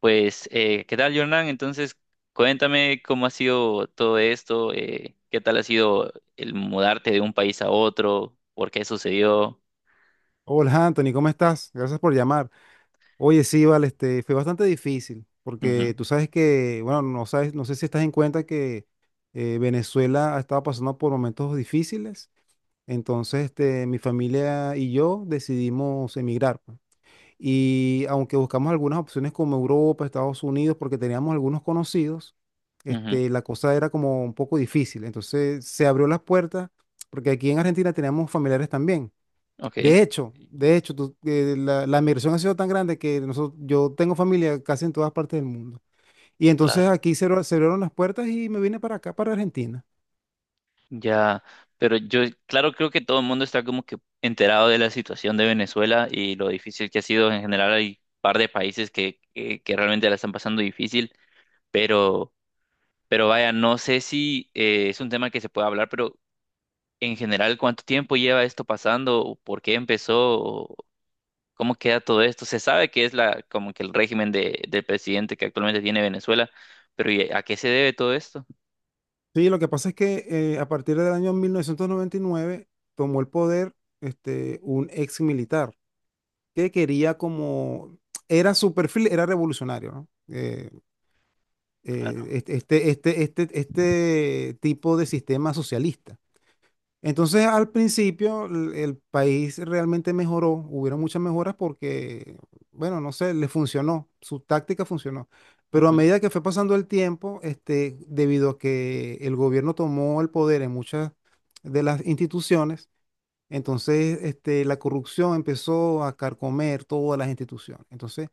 Pues, ¿qué tal, Jordan? Entonces, cuéntame cómo ha sido todo esto, qué tal ha sido el mudarte de un país a otro, por qué sucedió. Hola Anthony, ¿cómo estás? Gracias por llamar. Oye, sí, vale, fue bastante difícil, Ujú, porque tú sabes que, bueno, no sabes, no sé si estás en cuenta que Venezuela ha estado pasando por momentos difíciles. Entonces, mi familia y yo decidimos emigrar, pues. Y aunque buscamos algunas opciones como Europa, Estados Unidos, porque teníamos algunos conocidos, ujú, la cosa era como un poco difícil. Entonces, se abrió las puertas, porque aquí en Argentina teníamos familiares también. ok, De hecho, la migración ha sido tan grande que nosotros, yo tengo familia casi en todas partes del mundo. Y entonces claro, aquí se abrieron las puertas y me vine para acá, para Argentina. ya. Pero yo, claro, creo que todo el mundo está como que enterado de la situación de Venezuela y lo difícil que ha sido. En general, hay un par de países que realmente la están pasando difícil, pero, pero vaya, no sé si es un tema que se puede hablar, pero en general, ¿cuánto tiempo lleva esto pasando? ¿O por qué empezó? ¿O cómo queda todo esto? Se sabe que es como que el régimen del presidente que actualmente tiene Venezuela, pero ¿y a qué se debe todo esto? Sí, lo que pasa es que a partir del año 1999 tomó el poder un ex militar que quería como, era su perfil, era revolucionario, ¿no? Claro, eh, este, este tipo de sistema socialista. Entonces, al principio, el país realmente mejoró, hubieron muchas mejoras porque, bueno, no sé, le funcionó, su táctica funcionó. Pero a ujú, medida que fue pasando el tiempo, debido a que el gobierno tomó el poder en muchas de las instituciones, entonces, la corrupción empezó a carcomer todas las instituciones. Entonces,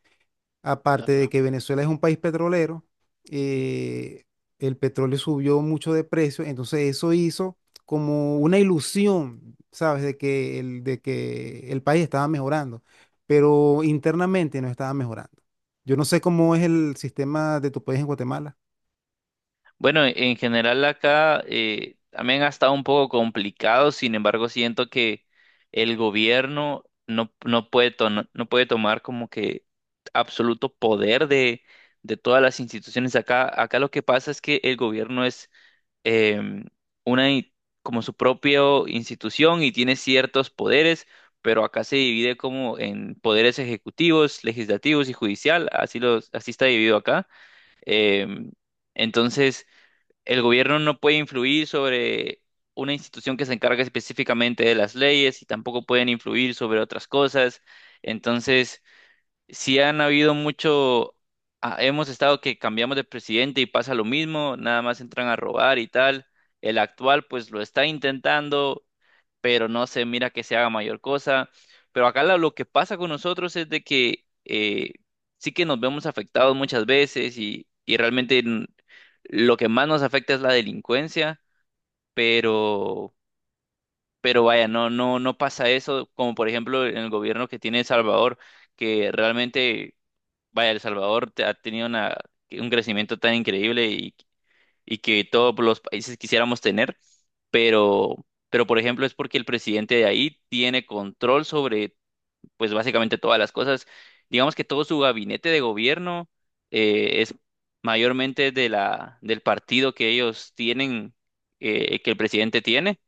aparte de claro. que Venezuela es un país petrolero, eh, el petróleo subió mucho de precio, entonces eso hizo como una ilusión, ¿sabes? De que el país estaba mejorando, pero internamente no estaba mejorando. Yo no sé cómo es el sistema de tu país en Guatemala. Bueno, en general acá también ha estado un poco complicado. Sin embargo, siento que el gobierno no puede, no puede tomar como que absoluto poder de todas las instituciones acá. Acá lo que pasa es que el gobierno es em, una i- como su propia institución y tiene ciertos poderes, pero acá se divide como en poderes ejecutivos, legislativos y judicial, así los, así está dividido acá. Em, entonces, el gobierno no puede influir sobre una institución que se encarga específicamente de las leyes y tampoco pueden influir sobre otras cosas. Entonces, si han habido mucho, ah, hemos estado que cambiamos de presidente y pasa lo mismo, nada más entran a robar y tal. El actual pues lo está intentando, pero no se mira que se haga mayor cosa. Pero acá lo que pasa con nosotros es de que sí que nos vemos afectados muchas veces y realmente lo que más nos afecta es la delincuencia, pero, pero vaya, no pasa eso como por ejemplo en el gobierno que tiene El Salvador, que realmente... Vaya, El Salvador ha tenido una, un crecimiento tan increíble y que todos los países quisiéramos tener, pero por ejemplo es porque el presidente de ahí tiene control sobre, pues básicamente todas las cosas. Digamos que todo su gabinete de gobierno es mayormente de del partido que ellos tienen, que el presidente tiene.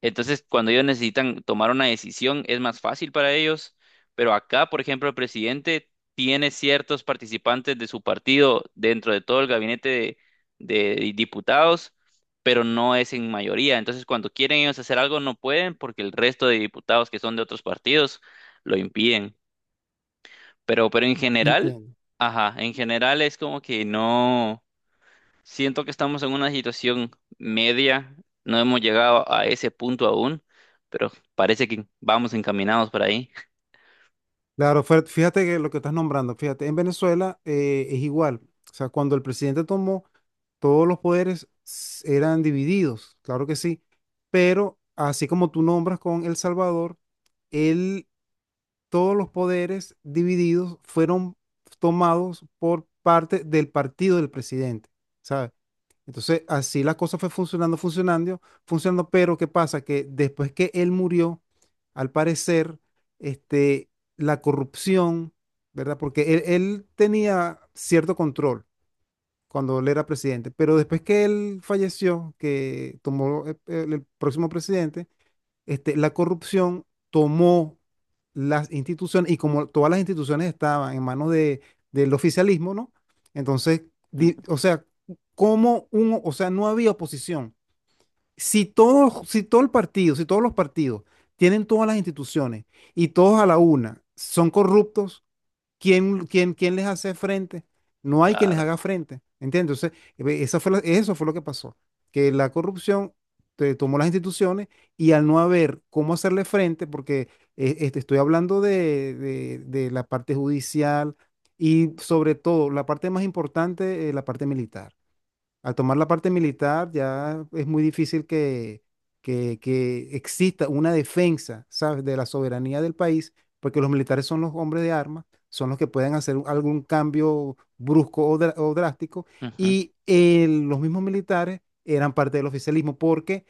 Entonces, cuando ellos necesitan tomar una decisión, es más fácil para ellos. Pero acá, por ejemplo, el presidente tiene ciertos participantes de su partido dentro de todo el gabinete de diputados, pero no es en mayoría. Entonces, cuando quieren ellos hacer algo, no pueden porque el resto de diputados que son de otros partidos lo impiden. Pero en general, Entiendo. ajá, en general es como que no. Siento que estamos en una situación media, no hemos llegado a ese punto aún, pero parece que vamos encaminados por ahí. Claro, fíjate que lo que estás nombrando, fíjate, en Venezuela es igual. O sea, cuando el presidente tomó, todos los poderes eran divididos, claro que sí, pero así como tú nombras con El Salvador, él, todos los poderes divididos fueron tomados por parte del partido del presidente, ¿sabes? Entonces, así la cosa fue funcionando, funcionando, funcionando, pero ¿qué pasa? Que después que él murió, al parecer, este, la corrupción, ¿verdad? Porque él tenía cierto control cuando él era presidente. Pero después que él falleció, que tomó el próximo presidente, la corrupción tomó las instituciones y como todas las instituciones estaban en manos del oficialismo, ¿no? Entonces, Ujú, o sea, como uno, o sea, no había oposición. Si todo, si todo el partido, si todos los partidos tienen todas las instituciones y todos a la una son corruptos, ¿Quién les hace frente? No hay quien les claro, haga frente, ¿entiendes? Entonces, eso fue lo que pasó, que la corrupción te tomó las instituciones y al no haber cómo hacerle frente, porque estoy hablando de, la parte judicial y sobre todo la parte más importante, la parte militar. Al tomar la parte militar ya es muy difícil que, que exista una defensa, ¿sabes?, de la soberanía del país, porque los militares son los hombres de armas, son los que pueden hacer algún cambio brusco o drástico, ujú, y los mismos militares eran parte del oficialismo porque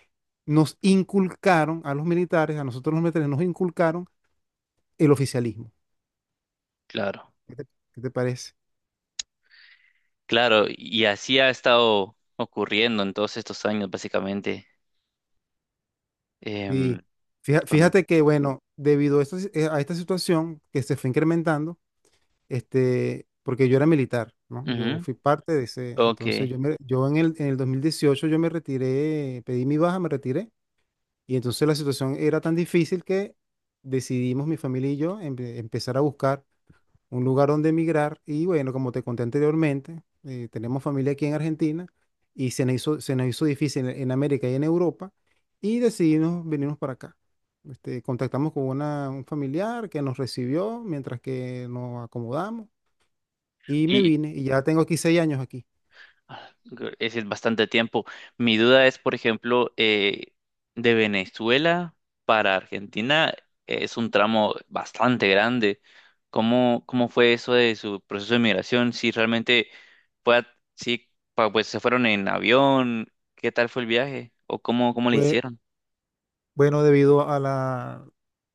nos inculcaron a los militares, a nosotros los militares nos inculcaron el oficialismo. claro, ¿Qué te, qué te parece? claro, y así ha estado ocurriendo en todos estos años, básicamente. em, Sí. Con, Fíjate que, bueno, debido a esta a esta situación que se fue incrementando, porque yo era militar, ¿no? Yo ujú, fui parte de ese, ok. entonces yo, yo en el 2018 yo me retiré, pedí mi baja, me retiré, y entonces la situación era tan difícil que decidimos mi familia y yo empezar a buscar un lugar donde emigrar, y bueno, como te conté anteriormente, tenemos familia aquí en Argentina, y se nos hizo difícil en, América y en Europa, y decidimos venirnos para acá. Contactamos con una, un familiar que nos recibió mientras que nos acomodamos y me Y, vine y ya tengo aquí 6 años aquí. es decir, bastante tiempo. Mi duda es, por ejemplo, de Venezuela para Argentina es un tramo bastante grande. Cómo fue eso de su proceso de migración? Si realmente fue, a- si pa- pues se fueron en avión, ¿qué tal fue el viaje? ¿O cómo le Fue, hicieron? bueno, debido a la.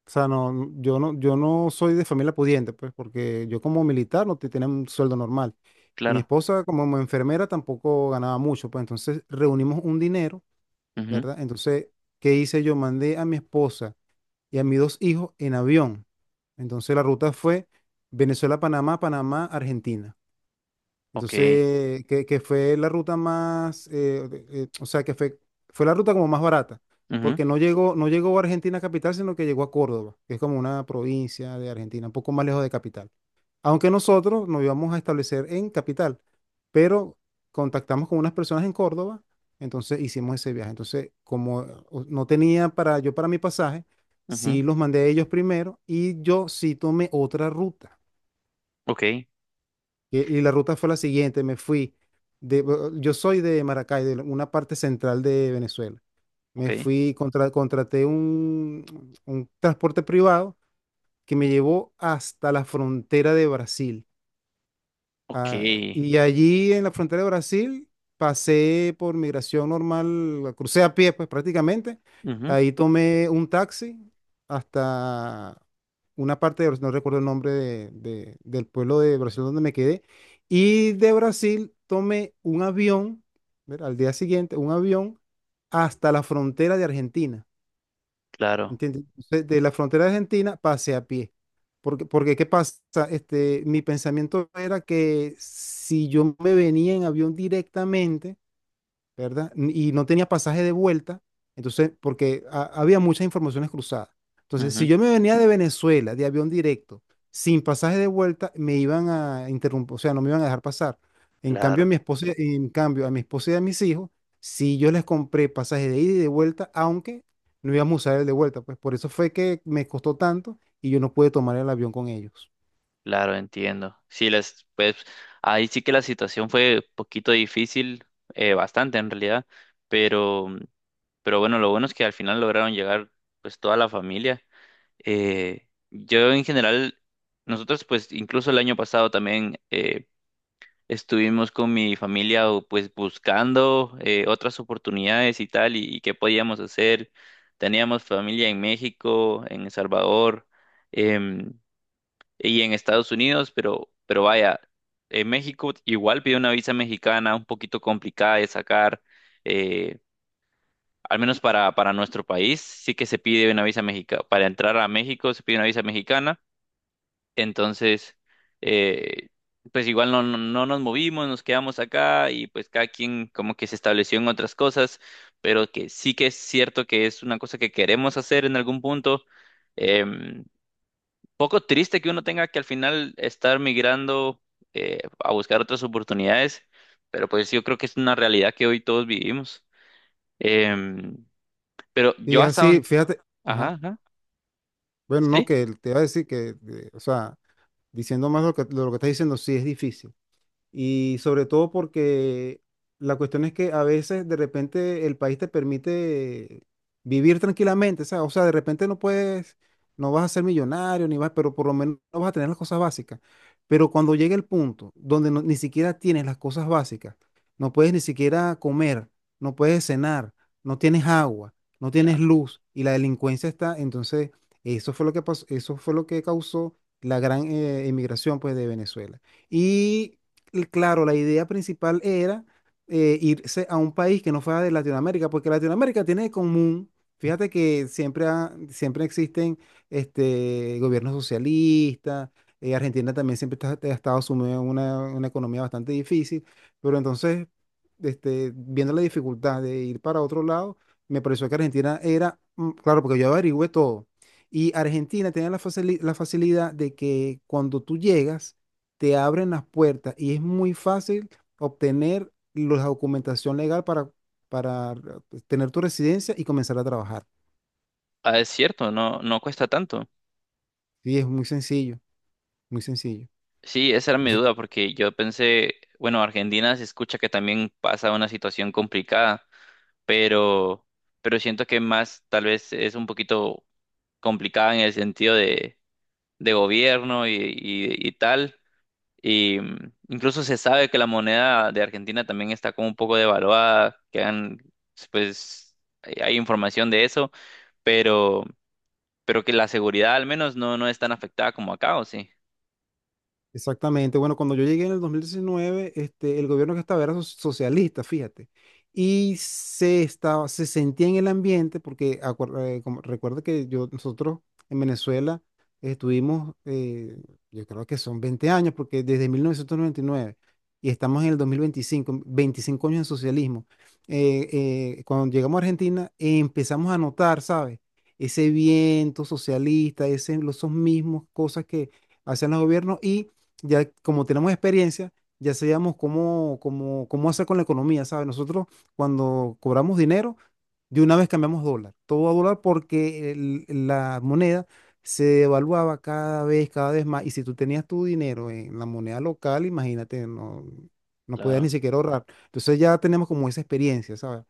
O sea, no, yo no soy de familia pudiente, pues, porque yo como militar no tenía un sueldo normal. Y mi Claro. esposa como enfermera tampoco ganaba mucho, pues entonces reunimos un dinero, Ujú. ¿verdad? Entonces, ¿qué hice yo? Mandé a mi esposa y a mis dos hijos en avión. Entonces la ruta fue Venezuela-Panamá, Panamá-Argentina. Ok. Entonces, que fue la ruta más, o sea, fue la ruta como más barata, Ujú, porque no llegó a Argentina capital, sino que llegó a Córdoba, que es como una provincia de Argentina, un poco más lejos de capital. Aunque nosotros nos íbamos a establecer en capital, pero contactamos con unas personas en Córdoba, entonces hicimos ese viaje. Entonces, como no tenía para yo para mi pasaje, ujú. sí los mandé a ellos primero y yo sí tomé otra ruta. Ok. Y la ruta fue la siguiente, me fui de, yo soy de Maracay, de una parte central de Venezuela. Ok. Me fui, contraté un, transporte privado que me llevó hasta la frontera de Brasil. Ok. Ah, y allí en la frontera de Brasil pasé por migración normal, crucé a pie, pues prácticamente. Ujú. Ahí tomé un taxi hasta una parte de Brasil, no recuerdo el nombre del pueblo de Brasil donde me quedé. Y de Brasil tomé un avión, ¿verdad? Al día siguiente, un avión hasta la frontera de Argentina. Claro. ¿Entiendes? Entonces, de la frontera de Argentina pasé a pie. Porque ¿qué pasa? Mi pensamiento era que si yo me venía en avión directamente, ¿verdad? Y no tenía pasaje de vuelta, entonces, porque había muchas informaciones cruzadas. Entonces, si Ujú. yo me venía de Venezuela, de avión directo, sin pasaje de vuelta, me iban a interrumpir, o sea, no me iban a dejar pasar. En cambio, Claro. a mi esposa, en cambio, a mi esposa y a mis hijos, si yo les compré pasaje de ida y de vuelta, aunque no íbamos a usar el de vuelta, pues por eso fue que me costó tanto y yo no pude tomar el avión con ellos. Claro, entiendo. Sí, les, pues ahí sí que la situación fue poquito difícil, bastante en realidad, pero, pero bueno, lo bueno es que al final lograron llegar pues toda la familia. Yo en general, nosotros pues incluso el año pasado también estuvimos con mi familia o, pues buscando otras oportunidades y tal, y qué podíamos hacer. Teníamos familia en México, en El Salvador, em, y en Estados Unidos, pero vaya, en México igual pide una visa mexicana un poquito complicada de sacar, eh, al menos para nuestro país, sí que se pide una visa mexicana, para entrar a México se pide una visa mexicana. Entonces, eh, pues igual no nos movimos, nos quedamos acá y pues cada quien como que se estableció en otras cosas, pero que sí que es cierto que es una cosa que queremos hacer en algún punto. em, poco triste que uno tenga que al final estar migrando a buscar otras oportunidades, pero pues yo creo que es una realidad que hoy todos vivimos. Em, pero Y yo hasta así, un... fíjate, ajá. Ajá, ajá, Bueno, no, sí, que te iba a decir que, o sea, diciendo más lo que, estás diciendo, sí es difícil. Y sobre todo porque la cuestión es que a veces de repente el país te permite vivir tranquilamente, ¿sabes? O sea, de repente no puedes, no vas a ser millonario, ni vas, pero por lo menos no vas a tener las cosas básicas. Pero cuando llega el punto donde ni siquiera tienes las cosas básicas, no puedes ni siquiera comer, no puedes cenar, no tienes agua, no tienes claro. luz y la delincuencia está, entonces eso fue lo que pasó, eso fue lo que causó la gran emigración pues de Venezuela. Y claro, la idea principal era irse a un país que no fuera de Latinoamérica, porque Latinoamérica tiene de común, fíjate que siempre, siempre existen gobiernos socialistas, Argentina también siempre ha estado sumida en una, economía bastante difícil, pero entonces, viendo la dificultad de ir para otro lado, me pareció que Argentina era, claro, porque yo averigüé todo, y Argentina tenía la la facilidad de que cuando tú llegas, te abren las puertas y es muy fácil obtener la documentación legal para, para tener tu residencia y comenzar a trabajar. Ah, es cierto, no, no cuesta tanto. Sí, es muy sencillo, muy sencillo. Sí, esa era mi Nosotros duda porque yo pensé, bueno, Argentina se escucha que también pasa una situación complicada, pero, pero siento que más tal vez es un poquito complicada en el sentido de gobierno y y tal. Y mm, incluso se sabe que la moneda de Argentina también está como un poco devaluada, que han, pues hay información de eso, pero, pero que la seguridad al menos no es tan afectada como acá, ¿o sí? Exactamente. Bueno, cuando yo llegué en el 2019, el gobierno que estaba era socialista, fíjate. Y se sentía en el ambiente, porque recuerda que yo, nosotros en Venezuela estuvimos, yo creo que son 20 años, porque desde 1999 y nueve y estamos en el 2025, 25 años en socialismo. Eh, cuando llegamos a Argentina, empezamos a notar, ¿sabes? Ese viento socialista, ese, esos mismos cosas que hacían los gobiernos ya como tenemos experiencia, ya sabíamos cómo, hacer con la economía, ¿sabes? Nosotros cuando cobramos dinero, de una vez cambiamos dólar, todo a dólar porque la moneda se devaluaba cada vez más. Y si tú tenías tu dinero en la moneda local, imagínate, no, no podías Claro, ni siquiera ahorrar. Entonces ya tenemos como esa experiencia, ¿sabes?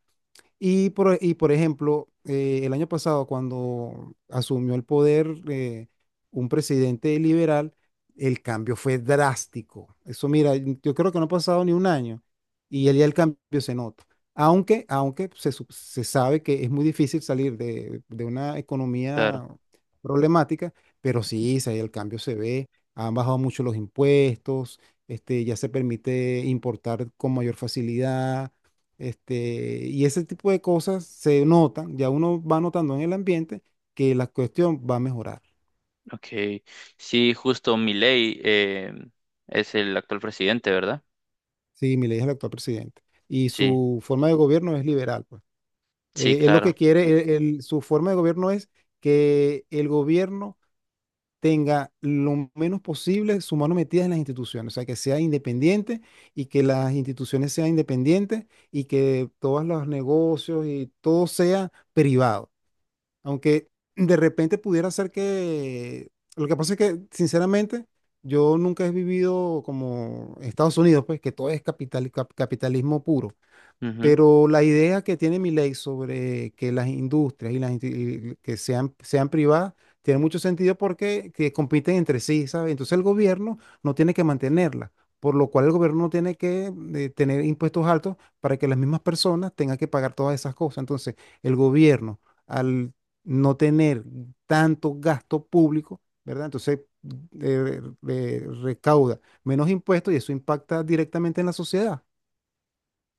Y por ejemplo, el año pasado, cuando asumió el poder un presidente liberal, el cambio fue drástico. Eso, mira, yo creo que no ha pasado ni un año ya el cambio se nota. Aunque se sabe que es muy difícil salir de una claro. economía problemática, pero sí, sí, el cambio se ve. Han bajado mucho los impuestos, ya se permite importar con mayor facilidad y ese tipo de cosas se notan, ya uno va notando en el ambiente que la cuestión va a mejorar. Ok. Sí, justo Milei es el actual presidente, ¿verdad? Sí, Milei es el actual presidente y Sí, su forma de gobierno es liberal, pues. sí, Él lo que claro. quiere, su forma de gobierno es que el gobierno tenga lo menos posible su mano metida en las instituciones, o sea, que sea independiente y que las instituciones sean independientes y que todos los negocios y todo sea privado. Aunque de repente pudiera ser que. Lo que pasa es que, sinceramente, yo nunca he vivido como en Estados Unidos, pues, que todo es capital, capitalismo puro. Ujú. Pero la idea que tiene mi ley sobre que las industrias y las y que sean privadas tiene mucho sentido porque que compiten entre sí, ¿sabes? Entonces el gobierno no tiene que mantenerlas, por lo cual el gobierno no tiene que tener impuestos altos para que las mismas personas tengan que pagar todas esas cosas. Entonces el gobierno, al no tener tanto gasto público, ¿verdad? Entonces recauda menos impuestos y eso impacta directamente en la sociedad.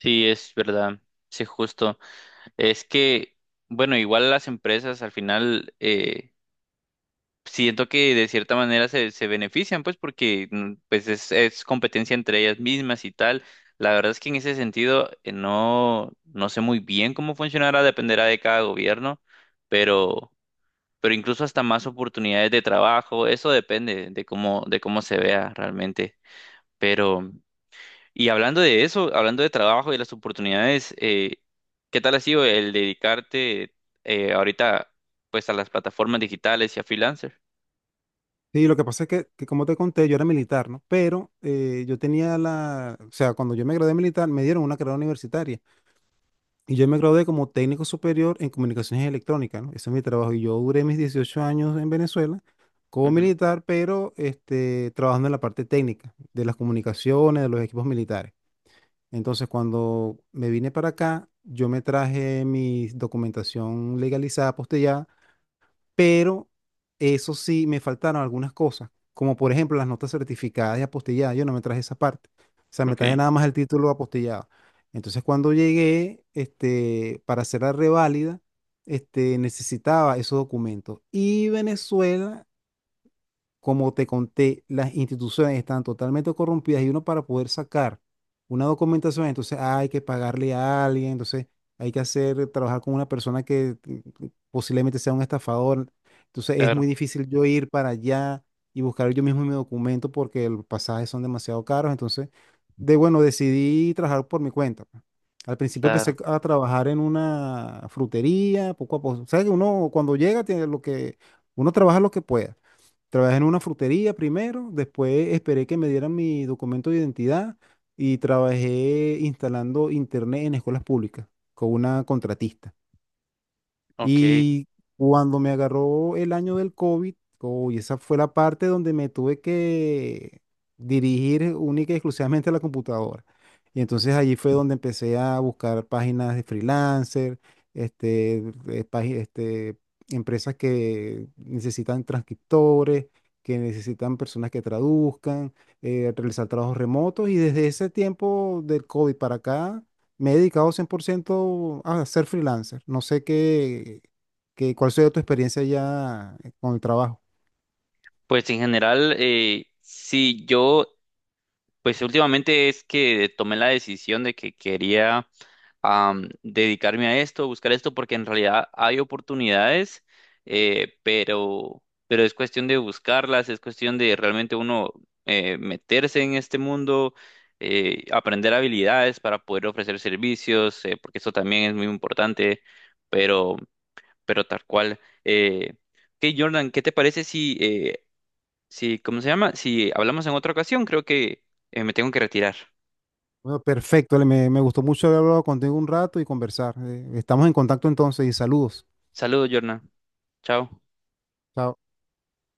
Sí, es verdad. Sí, justo. Es que, bueno, igual las empresas al final... siento que de cierta manera se benefician, pues, porque pues es competencia entre ellas mismas y tal. La verdad es que en ese sentido no, no sé muy bien cómo funcionará, dependerá de cada gobierno, pero, pero incluso hasta más oportunidades de trabajo, eso depende de cómo se vea realmente. Pero, y hablando de eso, hablando de trabajo y las oportunidades, ¿qué tal ha sido el dedicarte ahorita pues a las plataformas digitales y a freelancer? Sí, lo que pasa es que, como te conté, yo era militar, ¿no? Pero yo tenía la, o sea, cuando yo me gradué de militar, me dieron una carrera universitaria y yo me gradué como técnico superior en comunicaciones electrónicas, ¿no? Ese es mi trabajo y yo duré mis 18 años en Venezuela como Ujú, militar, pero trabajando en la parte técnica de las comunicaciones, de los equipos militares. Entonces, cuando me vine para acá, yo me traje mi documentación legalizada, postillada, pero eso sí, me faltaron algunas cosas, como por ejemplo las notas certificadas y apostilladas, yo no me traje esa parte, o sea, me traje ok, nada más el título apostillado. Entonces cuando llegué, para hacer la reválida, necesitaba esos documentos. Y Venezuela, como te conté, las instituciones están totalmente corrompidas y uno para poder sacar una documentación, entonces hay que pagarle a alguien, entonces hay que hacer, trabajar con una persona que posiblemente sea un estafador. Entonces es claro, muy difícil yo ir para allá y buscar yo mismo mi documento porque los pasajes son demasiado caros. Entonces, de bueno, decidí trabajar por mi cuenta, pues. Al principio empecé claro, a trabajar en una frutería, poco a poco. O sea que uno cuando llega tiene lo que, uno trabaja lo que pueda. Trabajé en una frutería primero, después esperé que me dieran mi documento de identidad y trabajé instalando internet en escuelas públicas con una contratista. ok. Y cuando me agarró el año del COVID, uy, esa fue la parte donde me tuve que dirigir única y exclusivamente a la computadora. Y entonces allí fue donde empecé a buscar páginas de freelancer, este, eh, pági- este, empresas que necesitan transcriptores, que necesitan personas que traduzcan, realizar trabajos remotos. Y desde ese tiempo del COVID para acá me he dedicado 100% a ser freelancer. No sé qué, cuál sea tu experiencia ya con el trabajo. Pues en general, sí, yo, pues últimamente es que tomé la decisión de que quería dedicarme a esto, buscar esto, porque en realidad hay oportunidades, eh, pero, pero es cuestión de buscarlas, es cuestión de realmente uno meterse en este mundo, aprender habilidades para poder ofrecer servicios, porque eso también es muy importante, pero... pero tal cual. Ok, Jordan, ¿qué te parece si, si, ¿cómo se llama? Si hablamos en otra ocasión, creo que me tengo que retirar. Bueno, perfecto. Ale, me gustó mucho haber hablado contigo un rato y conversar. Estamos en contacto entonces y saludos. Saludos, Jordan. Chao. Chao.